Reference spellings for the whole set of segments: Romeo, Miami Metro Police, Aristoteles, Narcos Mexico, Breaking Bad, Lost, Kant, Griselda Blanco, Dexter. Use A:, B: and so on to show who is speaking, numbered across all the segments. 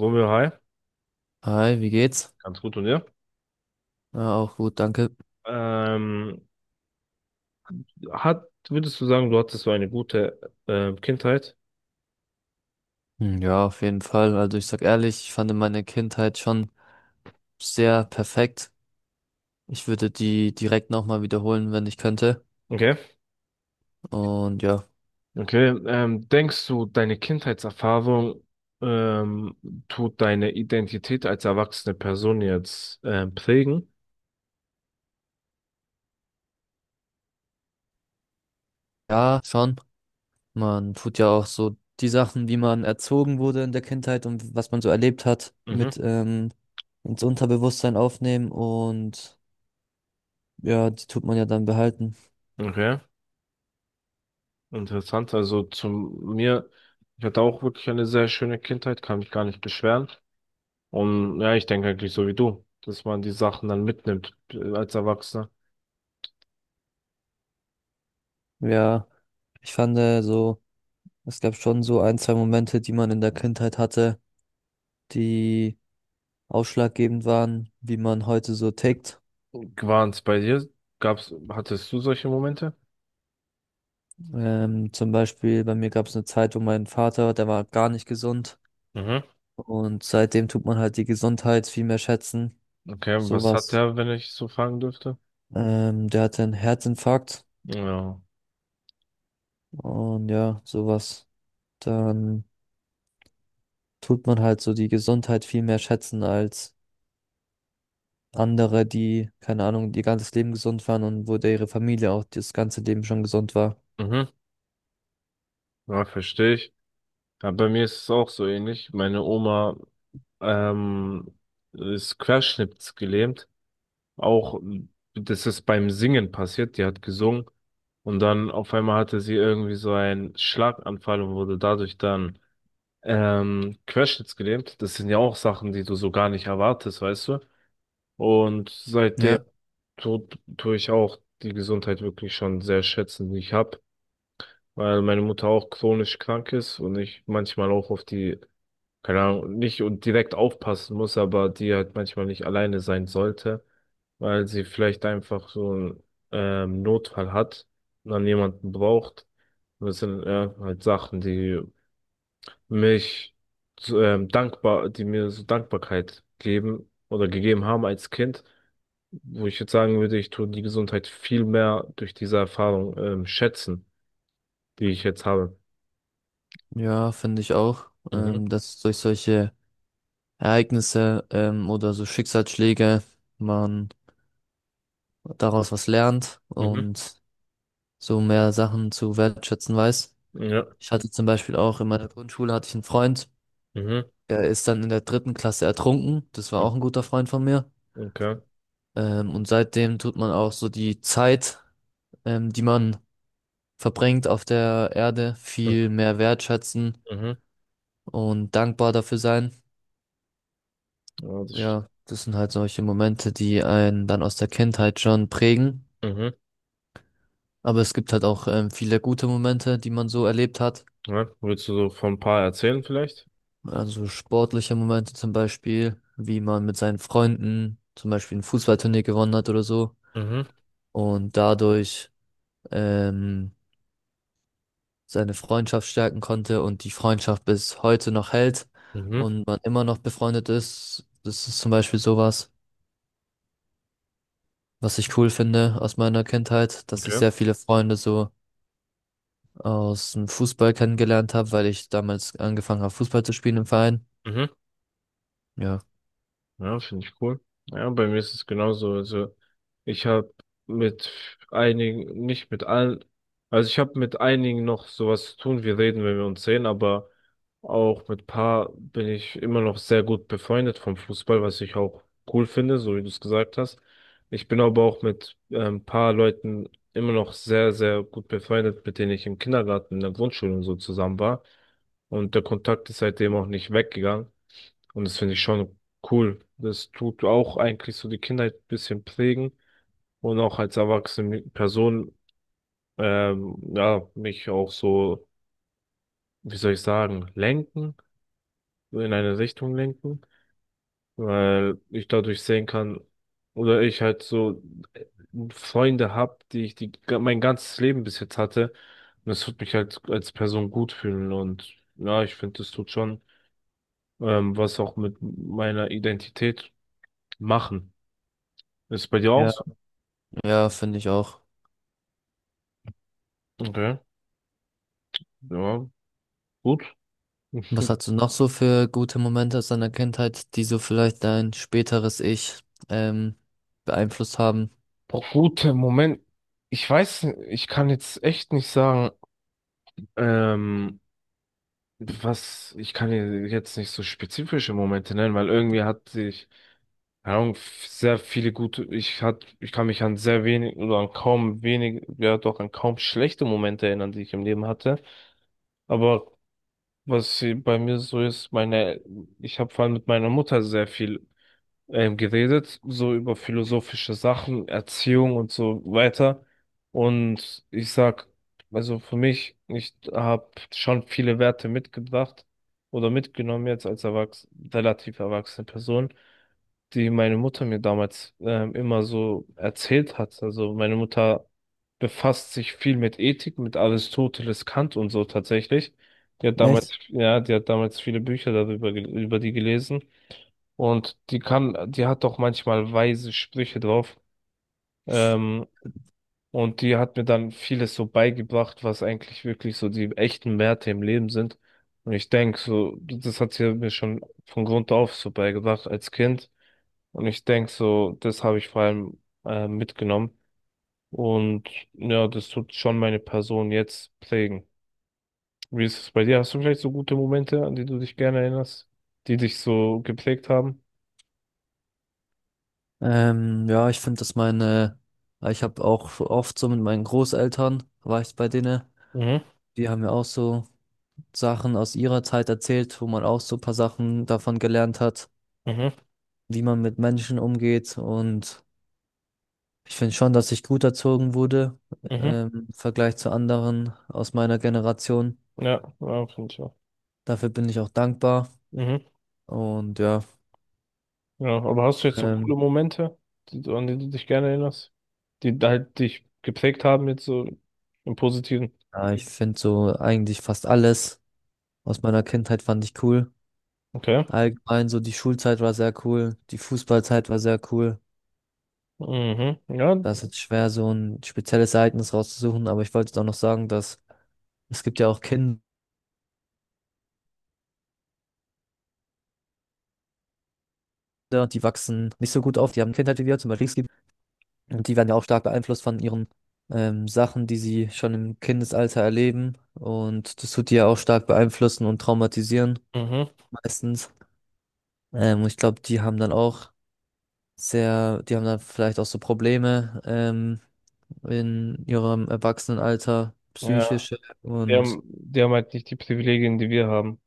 A: Romeo, hi.
B: Hi, wie geht's?
A: Ganz gut und dir?
B: Ja, auch gut, danke.
A: Ähm, hat, würdest du sagen, du hattest so eine gute Kindheit?
B: Hm, ja, auf jeden Fall. Also ich sag ehrlich, ich fand meine Kindheit schon sehr perfekt. Ich würde die direkt nochmal wiederholen, wenn ich könnte.
A: Okay.
B: Und ja,
A: Okay. Denkst du, deine Kindheitserfahrung ähm, tut deine Identität als erwachsene Person jetzt prägen?
B: ja, schon. Man tut ja auch so die Sachen, wie man erzogen wurde in der Kindheit und was man so erlebt hat,
A: Mhm.
B: mit ins Unterbewusstsein aufnehmen und ja, die tut man ja dann behalten.
A: Okay. Interessant. Also zu mir, ich hatte auch wirklich eine sehr schöne Kindheit, kann mich gar nicht beschweren. Und ja, ich denke eigentlich so wie du, dass man die Sachen dann mitnimmt als Erwachsener.
B: Ja, ich fand so. Es gab schon so ein, zwei Momente, die man in der Kindheit hatte, die ausschlaggebend waren, wie man heute so tickt.
A: War's bei dir? Gab's, hattest du solche Momente?
B: Zum Beispiel bei mir gab es eine Zeit, wo mein Vater, der war gar nicht gesund,
A: Mhm.
B: und seitdem tut man halt die Gesundheit viel mehr schätzen.
A: Okay, was hat
B: Sowas.
A: der, wenn ich so fragen dürfte?
B: Der hatte einen Herzinfarkt
A: Ja.
B: und ja, sowas. Dann tut man halt so die Gesundheit viel mehr schätzen als andere, die, keine Ahnung, ihr ganzes Leben gesund waren und wo der ihre Familie auch das ganze Leben schon gesund war.
A: Mhm. Ja, verstehe ich. Ja, bei mir ist es auch so ähnlich. Meine Oma ähm, ist querschnittsgelähmt. Auch das ist beim Singen passiert. Die hat gesungen und dann auf einmal hatte sie irgendwie so einen Schlaganfall und wurde dadurch dann Querschnitts gelähmt. Das sind ja auch Sachen, die du so gar nicht erwartest, weißt du? Und seitdem
B: Ja,
A: tue ich auch die Gesundheit wirklich schon sehr schätzen, die ich habe, weil meine Mutter auch chronisch krank ist und ich manchmal auch auf die, keine Ahnung, nicht und direkt aufpassen muss, aber die halt manchmal nicht alleine sein sollte, weil sie vielleicht einfach so einen Notfall hat und dann jemanden braucht. Und das sind ja halt Sachen, die mich so, dankbar, die mir so Dankbarkeit geben oder gegeben haben als Kind, wo ich jetzt sagen würde, ich tue die Gesundheit viel mehr durch diese Erfahrung schätzen, die ich jetzt habe.
B: ja, finde ich auch,
A: Mhm,
B: dass durch solche Ereignisse oder so Schicksalsschläge man daraus was lernt
A: mhm,
B: und so mehr Sachen zu wertschätzen weiß.
A: ja,
B: Ich hatte zum Beispiel auch in meiner Grundschule hatte ich einen Freund,
A: mhm,
B: der ist dann in der dritten Klasse ertrunken. Das war
A: mhm,
B: auch ein guter Freund von mir.
A: okay,
B: Und seitdem tut man auch so die Zeit, die man verbringt auf der Erde,
A: mhm,
B: viel mehr wertschätzen
A: mhm,
B: und dankbar dafür sein.
A: ja,
B: Ja, das sind halt solche Momente, die einen dann aus der Kindheit schon prägen.
A: mhm,
B: Aber es gibt halt auch viele gute Momente, die man so erlebt hat.
A: ja. Willst du so von ein paar erzählen vielleicht?
B: Also sportliche Momente zum Beispiel, wie man mit seinen Freunden zum Beispiel ein Fußballturnier gewonnen hat oder so
A: Mhm,
B: und dadurch ähm, seine Freundschaft stärken konnte und die Freundschaft bis heute noch hält
A: mhm,
B: und man immer noch befreundet ist. Das ist zum Beispiel sowas, was ich cool finde aus meiner Kindheit, dass ich
A: okay,
B: sehr viele Freunde so aus dem Fußball kennengelernt habe, weil ich damals angefangen habe, Fußball zu spielen im Verein.
A: mhm.
B: Ja,
A: Ja, finde ich cool. Ja, bei mir ist es genauso. Also ich habe mit einigen, nicht mit allen, also ich habe mit einigen noch sowas zu tun. Wir reden, wenn wir uns sehen, aber auch mit paar bin ich immer noch sehr gut befreundet vom Fußball, was ich auch cool finde, so wie du es gesagt hast. Ich bin aber auch mit ein paar Leuten immer noch sehr, sehr gut befreundet, mit denen ich im Kindergarten, in der Grundschule und so zusammen war. Und der Kontakt ist seitdem auch nicht weggegangen. Und das finde ich schon cool. Das tut auch eigentlich so die Kindheit ein bisschen prägen und auch als erwachsene Person, ja, mich auch so, wie soll ich sagen, lenken, so in eine Richtung lenken, weil ich dadurch sehen kann, oder ich halt so äh, Freunde hab, mein ganzes Leben bis jetzt hatte. Und das tut mich halt als Person gut fühlen und ja, ich finde, das tut schon, was auch mit meiner Identität machen. Ist bei dir auch
B: ja,
A: so?
B: ja, finde ich auch.
A: Okay. Ja, gut.
B: Was hast du noch so für gute Momente aus deiner Kindheit, die so vielleicht dein späteres Ich ähm, beeinflusst haben?
A: Boah, gut, Moment. Ich weiß, ich kann jetzt echt nicht sagen, ähm, was, ich kann dir jetzt nicht so spezifische Momente nennen, weil irgendwie hatte ich, keine Ahnung, sehr viele gute, ich kann mich an sehr wenig oder an kaum wenig, ja doch an kaum schlechte Momente erinnern, die ich im Leben hatte. Aber bei mir so ist, ich habe vor allem mit meiner Mutter sehr viel geredet, so über philosophische Sachen, Erziehung und so weiter. Und ich sag, also für mich, ich habe schon viele Werte mitgebracht oder mitgenommen jetzt als erwachs relativ erwachsene Person, die meine Mutter mir damals immer so erzählt hat. Also meine Mutter befasst sich viel mit Ethik, mit Aristoteles, Kant und so tatsächlich. Die hat damals,
B: Echt?
A: ja, die hat damals viele Bücher darüber, über die gelesen. Und die kam, die hat doch manchmal weise Sprüche drauf. Ähm, und die hat mir dann vieles so beigebracht, was eigentlich wirklich so die echten Werte im Leben sind. Und ich denke so, das hat sie mir schon von Grund auf so beigebracht als Kind. Und ich denke so, das habe ich vor allem mitgenommen. Und ja, das tut schon meine Person jetzt prägen. Wie ist es bei dir? Hast du vielleicht so gute Momente, an die du dich gerne erinnerst, die dich so geprägt haben?
B: Ja, ich finde, dass meine, ich habe auch oft so mit meinen Großeltern, war ich bei denen,
A: Mhm,
B: die haben mir auch so Sachen aus ihrer Zeit erzählt, wo man auch so ein paar Sachen davon gelernt hat,
A: mhm,
B: wie man mit Menschen umgeht. Und ich finde schon, dass ich gut erzogen wurde,
A: mhm.
B: im Vergleich zu anderen aus meiner Generation.
A: Ja, ja, finde ich auch.
B: Dafür bin ich auch dankbar.
A: Mhm.
B: Und ja,
A: Ja, aber hast du jetzt so coole
B: ähm,
A: Momente, die, an die du dich gerne erinnerst, die halt dich geprägt haben, jetzt so im Positiven?
B: ja, ich finde so eigentlich fast alles aus meiner Kindheit fand ich cool.
A: Okay.
B: Allgemein so die Schulzeit war sehr cool, die Fußballzeit war sehr cool.
A: Mhm. Ja.
B: Das ist jetzt schwer, so ein spezielles Ereignis rauszusuchen, aber ich wollte jetzt auch noch sagen, dass es gibt ja auch Kinder, die wachsen nicht so gut auf, die haben Kindheit wie wir, zum Beispiel. Und die werden ja auch stark beeinflusst von ihren Sachen, die sie schon im Kindesalter erleben. Und das tut die ja auch stark beeinflussen und traumatisieren
A: Mhm.
B: meistens. Und ich glaube, die haben dann auch sehr, die haben dann vielleicht auch so Probleme in ihrem Erwachsenenalter,
A: Ja.
B: psychische. Und
A: Die haben halt nicht die Privilegien, die wir haben.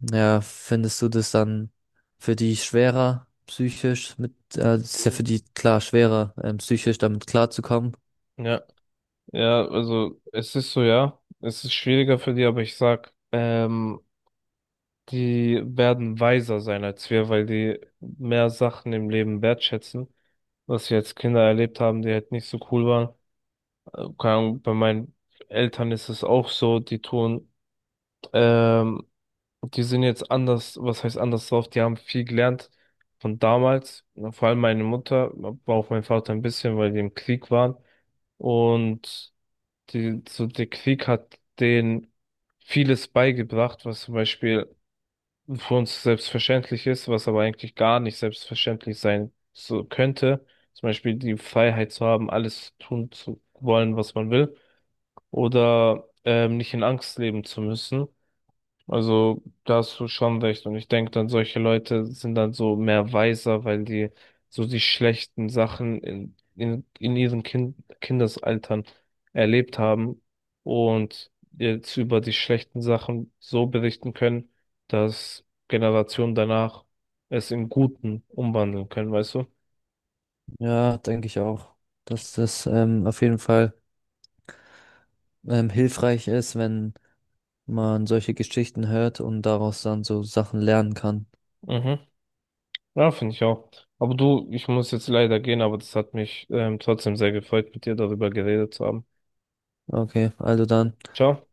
B: ja, findest du das dann für die schwerer psychisch das ist ja für
A: Mhm.
B: die klar schwerer psychisch damit klarzukommen?
A: Ja. Ja, also es ist so, ja. Es ist schwieriger für die, aber ich sag, die werden weiser sein als wir, weil die mehr Sachen im Leben wertschätzen, was wir als Kinder erlebt haben, die halt nicht so cool waren. Keine Ahnung, bei meinen Eltern ist es auch so, die tun, ähm, die sind jetzt anders, was heißt anders drauf, die haben viel gelernt von damals, vor allem meine Mutter, aber auch mein Vater ein bisschen, weil die im Krieg waren und die, so der Krieg hat denen vieles beigebracht, was zum Beispiel für uns selbstverständlich ist, was aber eigentlich gar nicht selbstverständlich sein so könnte. Zum Beispiel die Freiheit zu haben, alles tun zu wollen, was man will oder nicht in Angst leben zu müssen. Also da hast du schon recht. Und ich denke dann, solche Leute sind dann so mehr weiser, weil die so die schlechten Sachen in ihren Kindesaltern erlebt haben und jetzt über die schlechten Sachen so berichten können, dass Generationen danach es in Guten umwandeln können, weißt du?
B: Ja, denke ich auch, dass das auf jeden Fall hilfreich ist, wenn man solche Geschichten hört und daraus dann so Sachen lernen kann.
A: Mhm. Ja, finde ich auch. Aber du, ich muss jetzt leider gehen, aber das hat mich trotzdem sehr gefreut, mit dir darüber geredet zu haben.
B: Okay, also dann.
A: Ciao.